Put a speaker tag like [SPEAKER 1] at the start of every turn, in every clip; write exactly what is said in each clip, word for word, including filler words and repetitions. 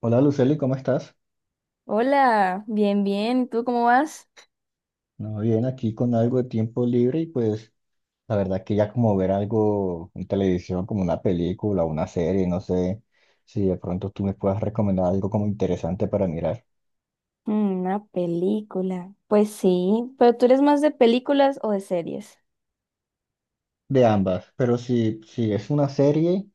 [SPEAKER 1] Hola, Luceli, ¿cómo estás?
[SPEAKER 2] Hola, bien, bien. ¿Y tú cómo vas?
[SPEAKER 1] No, bien, aquí con algo de tiempo libre y pues la verdad que ya como ver algo en televisión, como una película, una serie, no sé si de pronto tú me puedas recomendar algo como interesante para mirar.
[SPEAKER 2] Mm, Una película. Pues sí, pero ¿tú eres más de películas o de series?
[SPEAKER 1] De ambas, pero si, si es una serie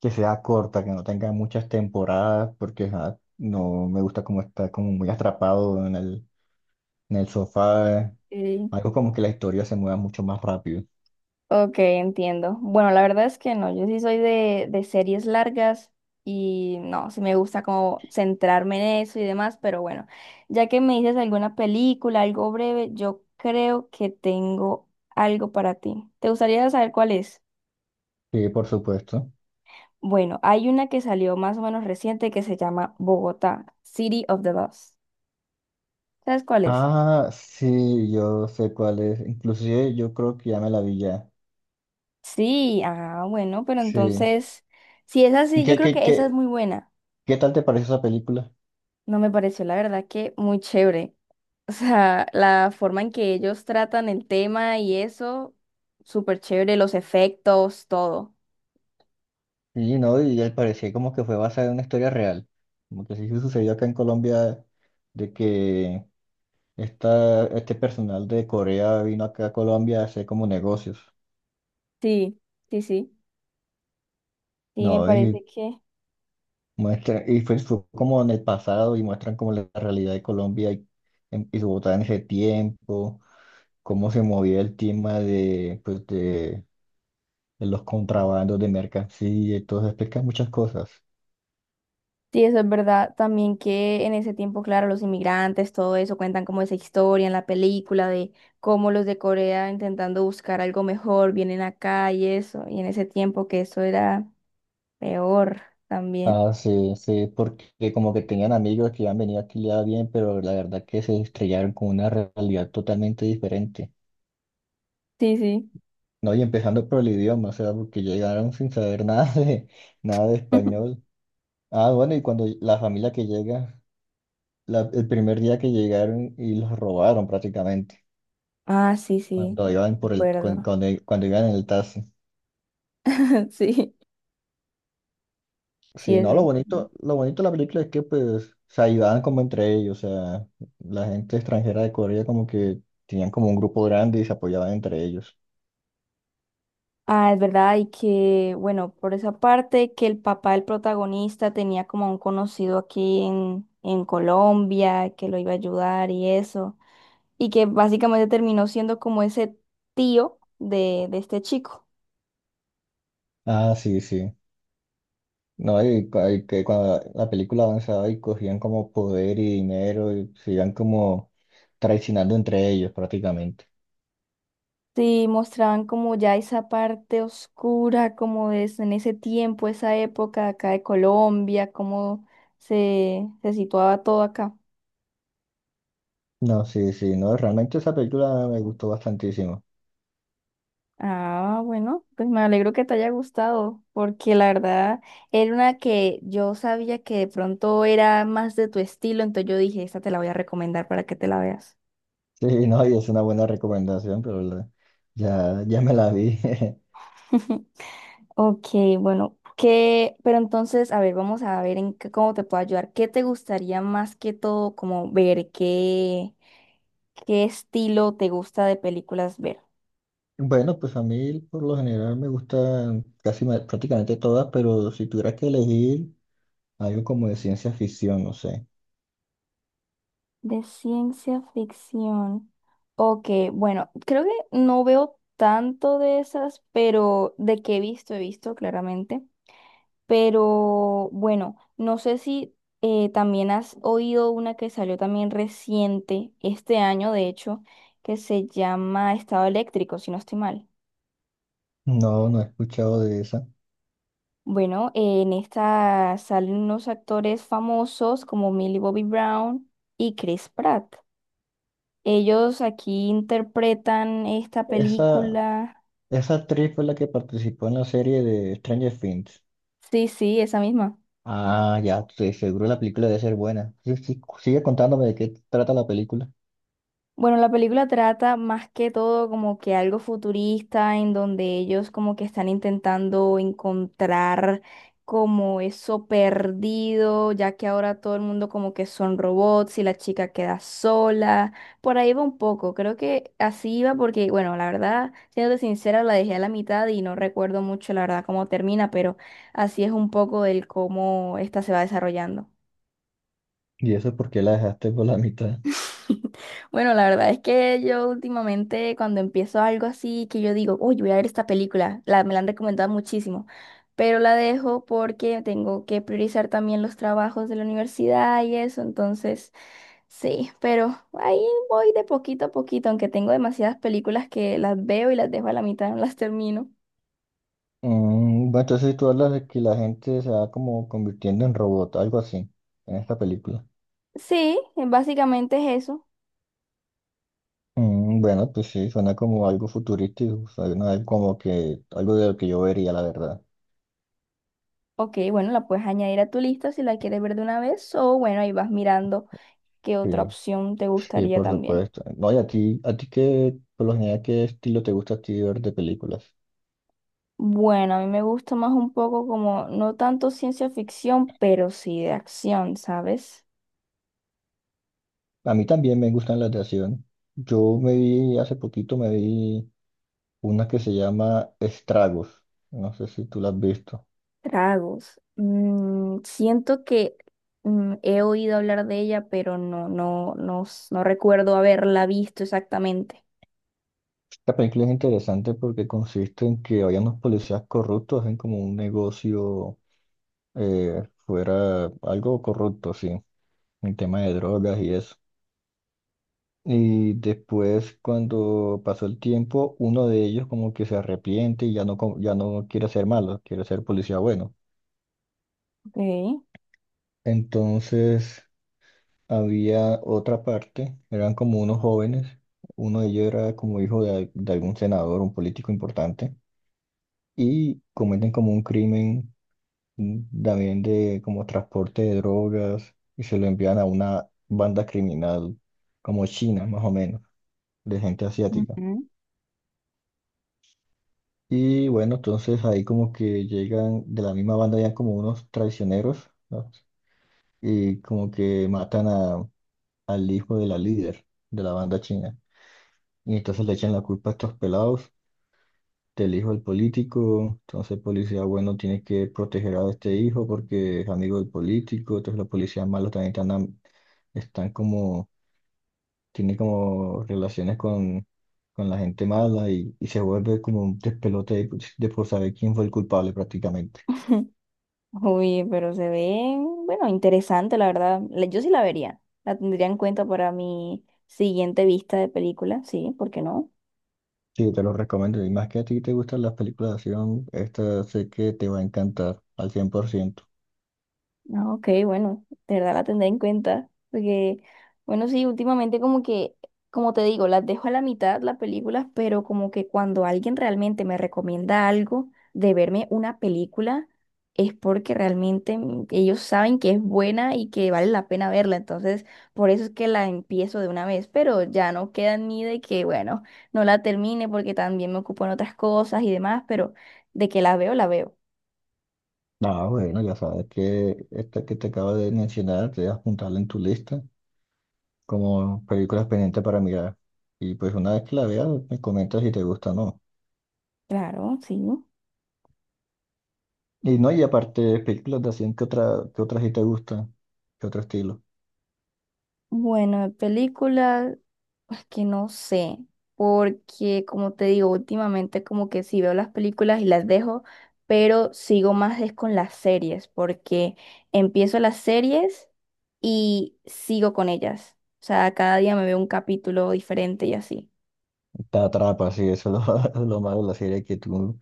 [SPEAKER 1] que sea corta, que no tenga muchas temporadas, porque ajá, no me gusta como estar como muy atrapado en el, en el sofá,
[SPEAKER 2] Sí.
[SPEAKER 1] algo como que la historia se mueva mucho más rápido.
[SPEAKER 2] Ok, entiendo. Bueno, la verdad es que no, yo sí soy de, de series largas y no, sí me gusta como centrarme en eso y demás, pero bueno, ya que me dices alguna película, algo breve, yo creo que tengo algo para ti. ¿Te gustaría saber cuál es?
[SPEAKER 1] Sí, por supuesto.
[SPEAKER 2] Bueno, hay una que salió más o menos reciente que se llama Bogotá, City of the Lost. ¿Sabes cuál es?
[SPEAKER 1] Ah, sí, yo sé cuál es. Inclusive yo creo que ya me la vi ya.
[SPEAKER 2] Sí, ah, bueno, pero
[SPEAKER 1] Sí.
[SPEAKER 2] entonces, si es
[SPEAKER 1] ¿Y
[SPEAKER 2] así, yo
[SPEAKER 1] ¿Qué,
[SPEAKER 2] creo
[SPEAKER 1] qué,
[SPEAKER 2] que esa es
[SPEAKER 1] qué,
[SPEAKER 2] muy buena.
[SPEAKER 1] Qué tal te pareció esa película?
[SPEAKER 2] No me pareció, la verdad, que muy chévere. O sea, la forma en que ellos tratan el tema y eso, súper chévere, los efectos, todo.
[SPEAKER 1] Sí, no, y al parecer como que fue basada en una historia real. Como que sí sucedió acá en Colombia de que esta, este personal de Corea vino acá a Colombia a hacer como negocios.
[SPEAKER 2] Sí, sí, sí. Sí, me
[SPEAKER 1] No, y
[SPEAKER 2] parece que
[SPEAKER 1] muestra, y fue, fue como en el pasado y muestran como la realidad de Colombia y, en- y Bogotá en ese tiempo, cómo se movía el tema de, pues de en los contrabandos de mercancía y todo, eso, explica muchas cosas.
[SPEAKER 2] sí, eso es verdad. También que en ese tiempo, claro, los inmigrantes, todo eso, cuentan como esa historia en la película de cómo los de Corea intentando buscar algo mejor vienen acá y eso. Y en ese tiempo que eso era. Peor también.
[SPEAKER 1] Ah, sí, sí, porque como que tenían amigos que han venido aquí ya bien, pero la verdad que se estrellaron con una realidad totalmente diferente.
[SPEAKER 2] Sí, sí.
[SPEAKER 1] No, y empezando por el idioma, o sea, porque llegaron sin saber nada de, nada de español. Ah, bueno, y cuando la familia que llega, la- el primer día que llegaron y los robaron prácticamente,
[SPEAKER 2] Ah, sí, sí,
[SPEAKER 1] cuando iban
[SPEAKER 2] me
[SPEAKER 1] por el, cuan-
[SPEAKER 2] acuerdo.
[SPEAKER 1] cuando, cuando iban en el taxi.
[SPEAKER 2] Sí. Sí,
[SPEAKER 1] Sí, no,
[SPEAKER 2] eso
[SPEAKER 1] lo
[SPEAKER 2] es verdad.
[SPEAKER 1] bonito, lo bonito de la película es que pues se ayudaban como entre ellos, o sea, la gente extranjera de Corea como que tenían como un grupo grande y se apoyaban entre ellos.
[SPEAKER 2] Ah, es verdad, y que, bueno, por esa parte, que el papá del protagonista tenía como un conocido aquí en, en Colombia, que lo iba a ayudar y eso, y que básicamente terminó siendo como ese tío de, de este chico.
[SPEAKER 1] Ah, sí, sí. No, y, cu- y que cuando la película avanzaba y cogían como poder y dinero y se iban como traicionando entre ellos prácticamente.
[SPEAKER 2] Sí, mostraban como ya esa parte oscura, como es en ese tiempo, esa época acá de Colombia, cómo se, se situaba todo acá.
[SPEAKER 1] No, sí, sí, no, realmente esa película me gustó bastantísimo.
[SPEAKER 2] Ah, bueno, pues me alegro que te haya gustado, porque la verdad era una que yo sabía que de pronto era más de tu estilo, entonces yo dije, esta te la voy a recomendar para que te la veas.
[SPEAKER 1] Sí, no, y es una buena recomendación, pero la- ya, ya me la vi.
[SPEAKER 2] Ok, bueno, ¿qué? Pero entonces, a ver, vamos a ver en qué, cómo te puedo ayudar. ¿Qué te gustaría más que todo como ver? ¿Qué, qué estilo te gusta de películas ver?
[SPEAKER 1] Bueno, pues a mí por lo general me gustan casi ma- prácticamente todas, pero si tuviera que elegir algo como de ciencia ficción, no sé.
[SPEAKER 2] De ciencia ficción. Ok, bueno, creo que no veo tanto de esas, pero de que he visto, he visto claramente. Pero bueno, no sé si eh, también has oído una que salió también reciente, este año de hecho, que se llama Estado Eléctrico, si no estoy mal.
[SPEAKER 1] No, no he escuchado de esa.
[SPEAKER 2] Bueno, eh, en esta salen unos actores famosos como Millie Bobby Brown y Chris Pratt. Ellos aquí interpretan esta
[SPEAKER 1] Esa,
[SPEAKER 2] película.
[SPEAKER 1] esa actriz fue la que participó en la serie de Stranger Things.
[SPEAKER 2] Sí, sí, esa misma.
[SPEAKER 1] Ah, ya, sí, seguro la película debe ser buena. Sí, sí, sigue contándome de qué trata la película.
[SPEAKER 2] Bueno, la película trata más que todo como que algo futurista en donde ellos como que están intentando encontrar como eso perdido, ya que ahora todo el mundo como que son robots y la chica queda sola. Por ahí va un poco, creo que así iba porque, bueno, la verdad, siéndote sincera, la dejé a la mitad y no recuerdo mucho la verdad cómo termina, pero así es un poco del cómo esta se va desarrollando.
[SPEAKER 1] ¿Y eso porque la dejaste por la mitad?
[SPEAKER 2] Bueno, la verdad es que yo últimamente cuando empiezo algo así, que yo digo, uy, voy a ver esta película, la, me la han recomendado muchísimo, pero la dejo porque tengo que priorizar también los trabajos de la universidad y eso, entonces sí, pero ahí voy de poquito a poquito, aunque tengo demasiadas películas que las veo y las dejo a la mitad, no las termino.
[SPEAKER 1] Mm, bueno, entonces tú hablas de que la gente se va como convirtiendo en robot, algo así, en esta película.
[SPEAKER 2] Sí, eh, básicamente es eso.
[SPEAKER 1] Mm, bueno, pues sí, suena como algo futurístico, o sea, no es como que algo de lo que yo vería, la verdad.
[SPEAKER 2] Ok, bueno, la puedes añadir a tu lista si la quieres ver de una vez, o bueno, ahí vas mirando qué otra
[SPEAKER 1] Sí,
[SPEAKER 2] opción te
[SPEAKER 1] sí,
[SPEAKER 2] gustaría
[SPEAKER 1] por
[SPEAKER 2] también.
[SPEAKER 1] supuesto. No, y a ti, a ti qué, por lo general, ¿qué estilo te gusta a ti ver de películas?
[SPEAKER 2] Bueno, a mí me gusta más un poco como, no tanto ciencia ficción, pero sí de acción, ¿sabes?
[SPEAKER 1] A mí también me gustan las de acción. Yo me vi, hace poquito me vi una que se llama Estragos. No sé si tú la has visto.
[SPEAKER 2] Tragos. Mm, siento que mm, he oído hablar de ella, pero no, no, no, s- no recuerdo haberla visto exactamente.
[SPEAKER 1] Esta película es interesante porque consiste en que había unos policías corruptos, hacen como un negocio, eh, fuera algo corrupto, sí, el tema de drogas y eso. Y después, cuando pasó el tiempo, uno de ellos como que se arrepiente y ya no, co- ya no quiere ser malo, quiere ser policía bueno.
[SPEAKER 2] Ok.
[SPEAKER 1] Entonces, había otra parte, eran como unos jóvenes, uno de ellos era como hijo de, al- de algún senador, un político importante, y cometen como un crimen, mm, también de como transporte de drogas y se lo envían a una banda criminal como China, más o menos, de gente asiática.
[SPEAKER 2] Ujú.
[SPEAKER 1] Y bueno, entonces ahí como que llegan, de la misma banda ya como unos traicioneros, ¿no? Y como que matan a, al hijo de la líder de la banda china. Y entonces le echan la culpa a estos pelados del hijo del político. Entonces el policía bueno tiene que proteger a este hijo porque es amigo del político. Entonces los policías malos también están, am- están como, tienen como relaciones con, con la gente mala y, y se vuelve como un despelote de, de por saber quién fue el culpable prácticamente.
[SPEAKER 2] Uy, pero se ve, bueno, interesante, la verdad. La- Yo sí la vería. La tendría en cuenta para mi siguiente vista de película, sí, ¿por qué no?
[SPEAKER 1] Sí, te lo recomiendo. Y más que a ti te gustan las películas de acción, esta sé que te va a encantar al cien por ciento.
[SPEAKER 2] Ah, Ok, bueno, de verdad la tendré en cuenta, porque, bueno, sí, últimamente como que, como te digo, las dejo a la mitad las películas, pero como que cuando alguien realmente me recomienda algo de verme una película, es porque realmente mm, ellos saben que es buena y que vale la pena verla, entonces por eso es que la empiezo de una vez, pero ya no queda ni de que, bueno, no la termine porque también me ocupo en otras cosas y demás, pero de que la veo, la veo.
[SPEAKER 1] Ah, bueno, ya sabes que esta que te acabo de mencionar, te vas a apuntarla en tu lista como películas pendientes para mirar. Y pues una vez que la veas, me comentas si te gusta o no.
[SPEAKER 2] Claro, sí.
[SPEAKER 1] Y no, y aparte, películas de acción, ¿qué otra, qué otras sí te gustan? ¿Qué otro estilo?
[SPEAKER 2] Bueno, de películas, pues que no sé, porque como te digo, últimamente como que sí veo las películas y las dejo, pero sigo más es con las series, porque empiezo las series y sigo con ellas. O sea, cada día me veo un capítulo diferente y así.
[SPEAKER 1] Te atrapa, sí, eso es lo lo malo de la serie, que tú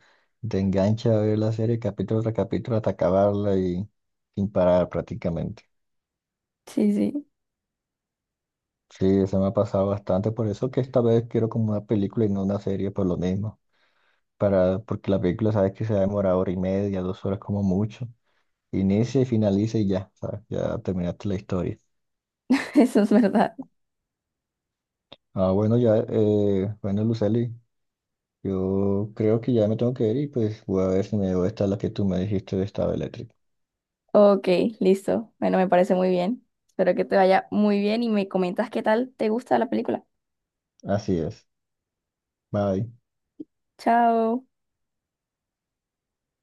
[SPEAKER 1] te enganchas a ver la serie capítulo tras capítulo hasta acabarla y sin parar prácticamente.
[SPEAKER 2] Sí, sí,
[SPEAKER 1] Sí, se me ha pasado bastante, por eso que esta vez quiero como una película y no una serie por lo mismo, para, porque la película sabes que se va a demorar hora y media, dos horas como mucho, inicia y finaliza y ya, ¿sabes? Ya terminaste la historia.
[SPEAKER 2] eso es verdad.
[SPEAKER 1] Ah, bueno, ya, eh, bueno, Luceli, yo creo que ya me tengo que ir y pues voy a ver si me veo esta la que tú me dijiste de Estado Eléctrico.
[SPEAKER 2] Ok, listo. Bueno, me parece muy bien. Espero que te vaya muy bien y me comentas qué tal te gusta la película.
[SPEAKER 1] Así es, bye.
[SPEAKER 2] Chao.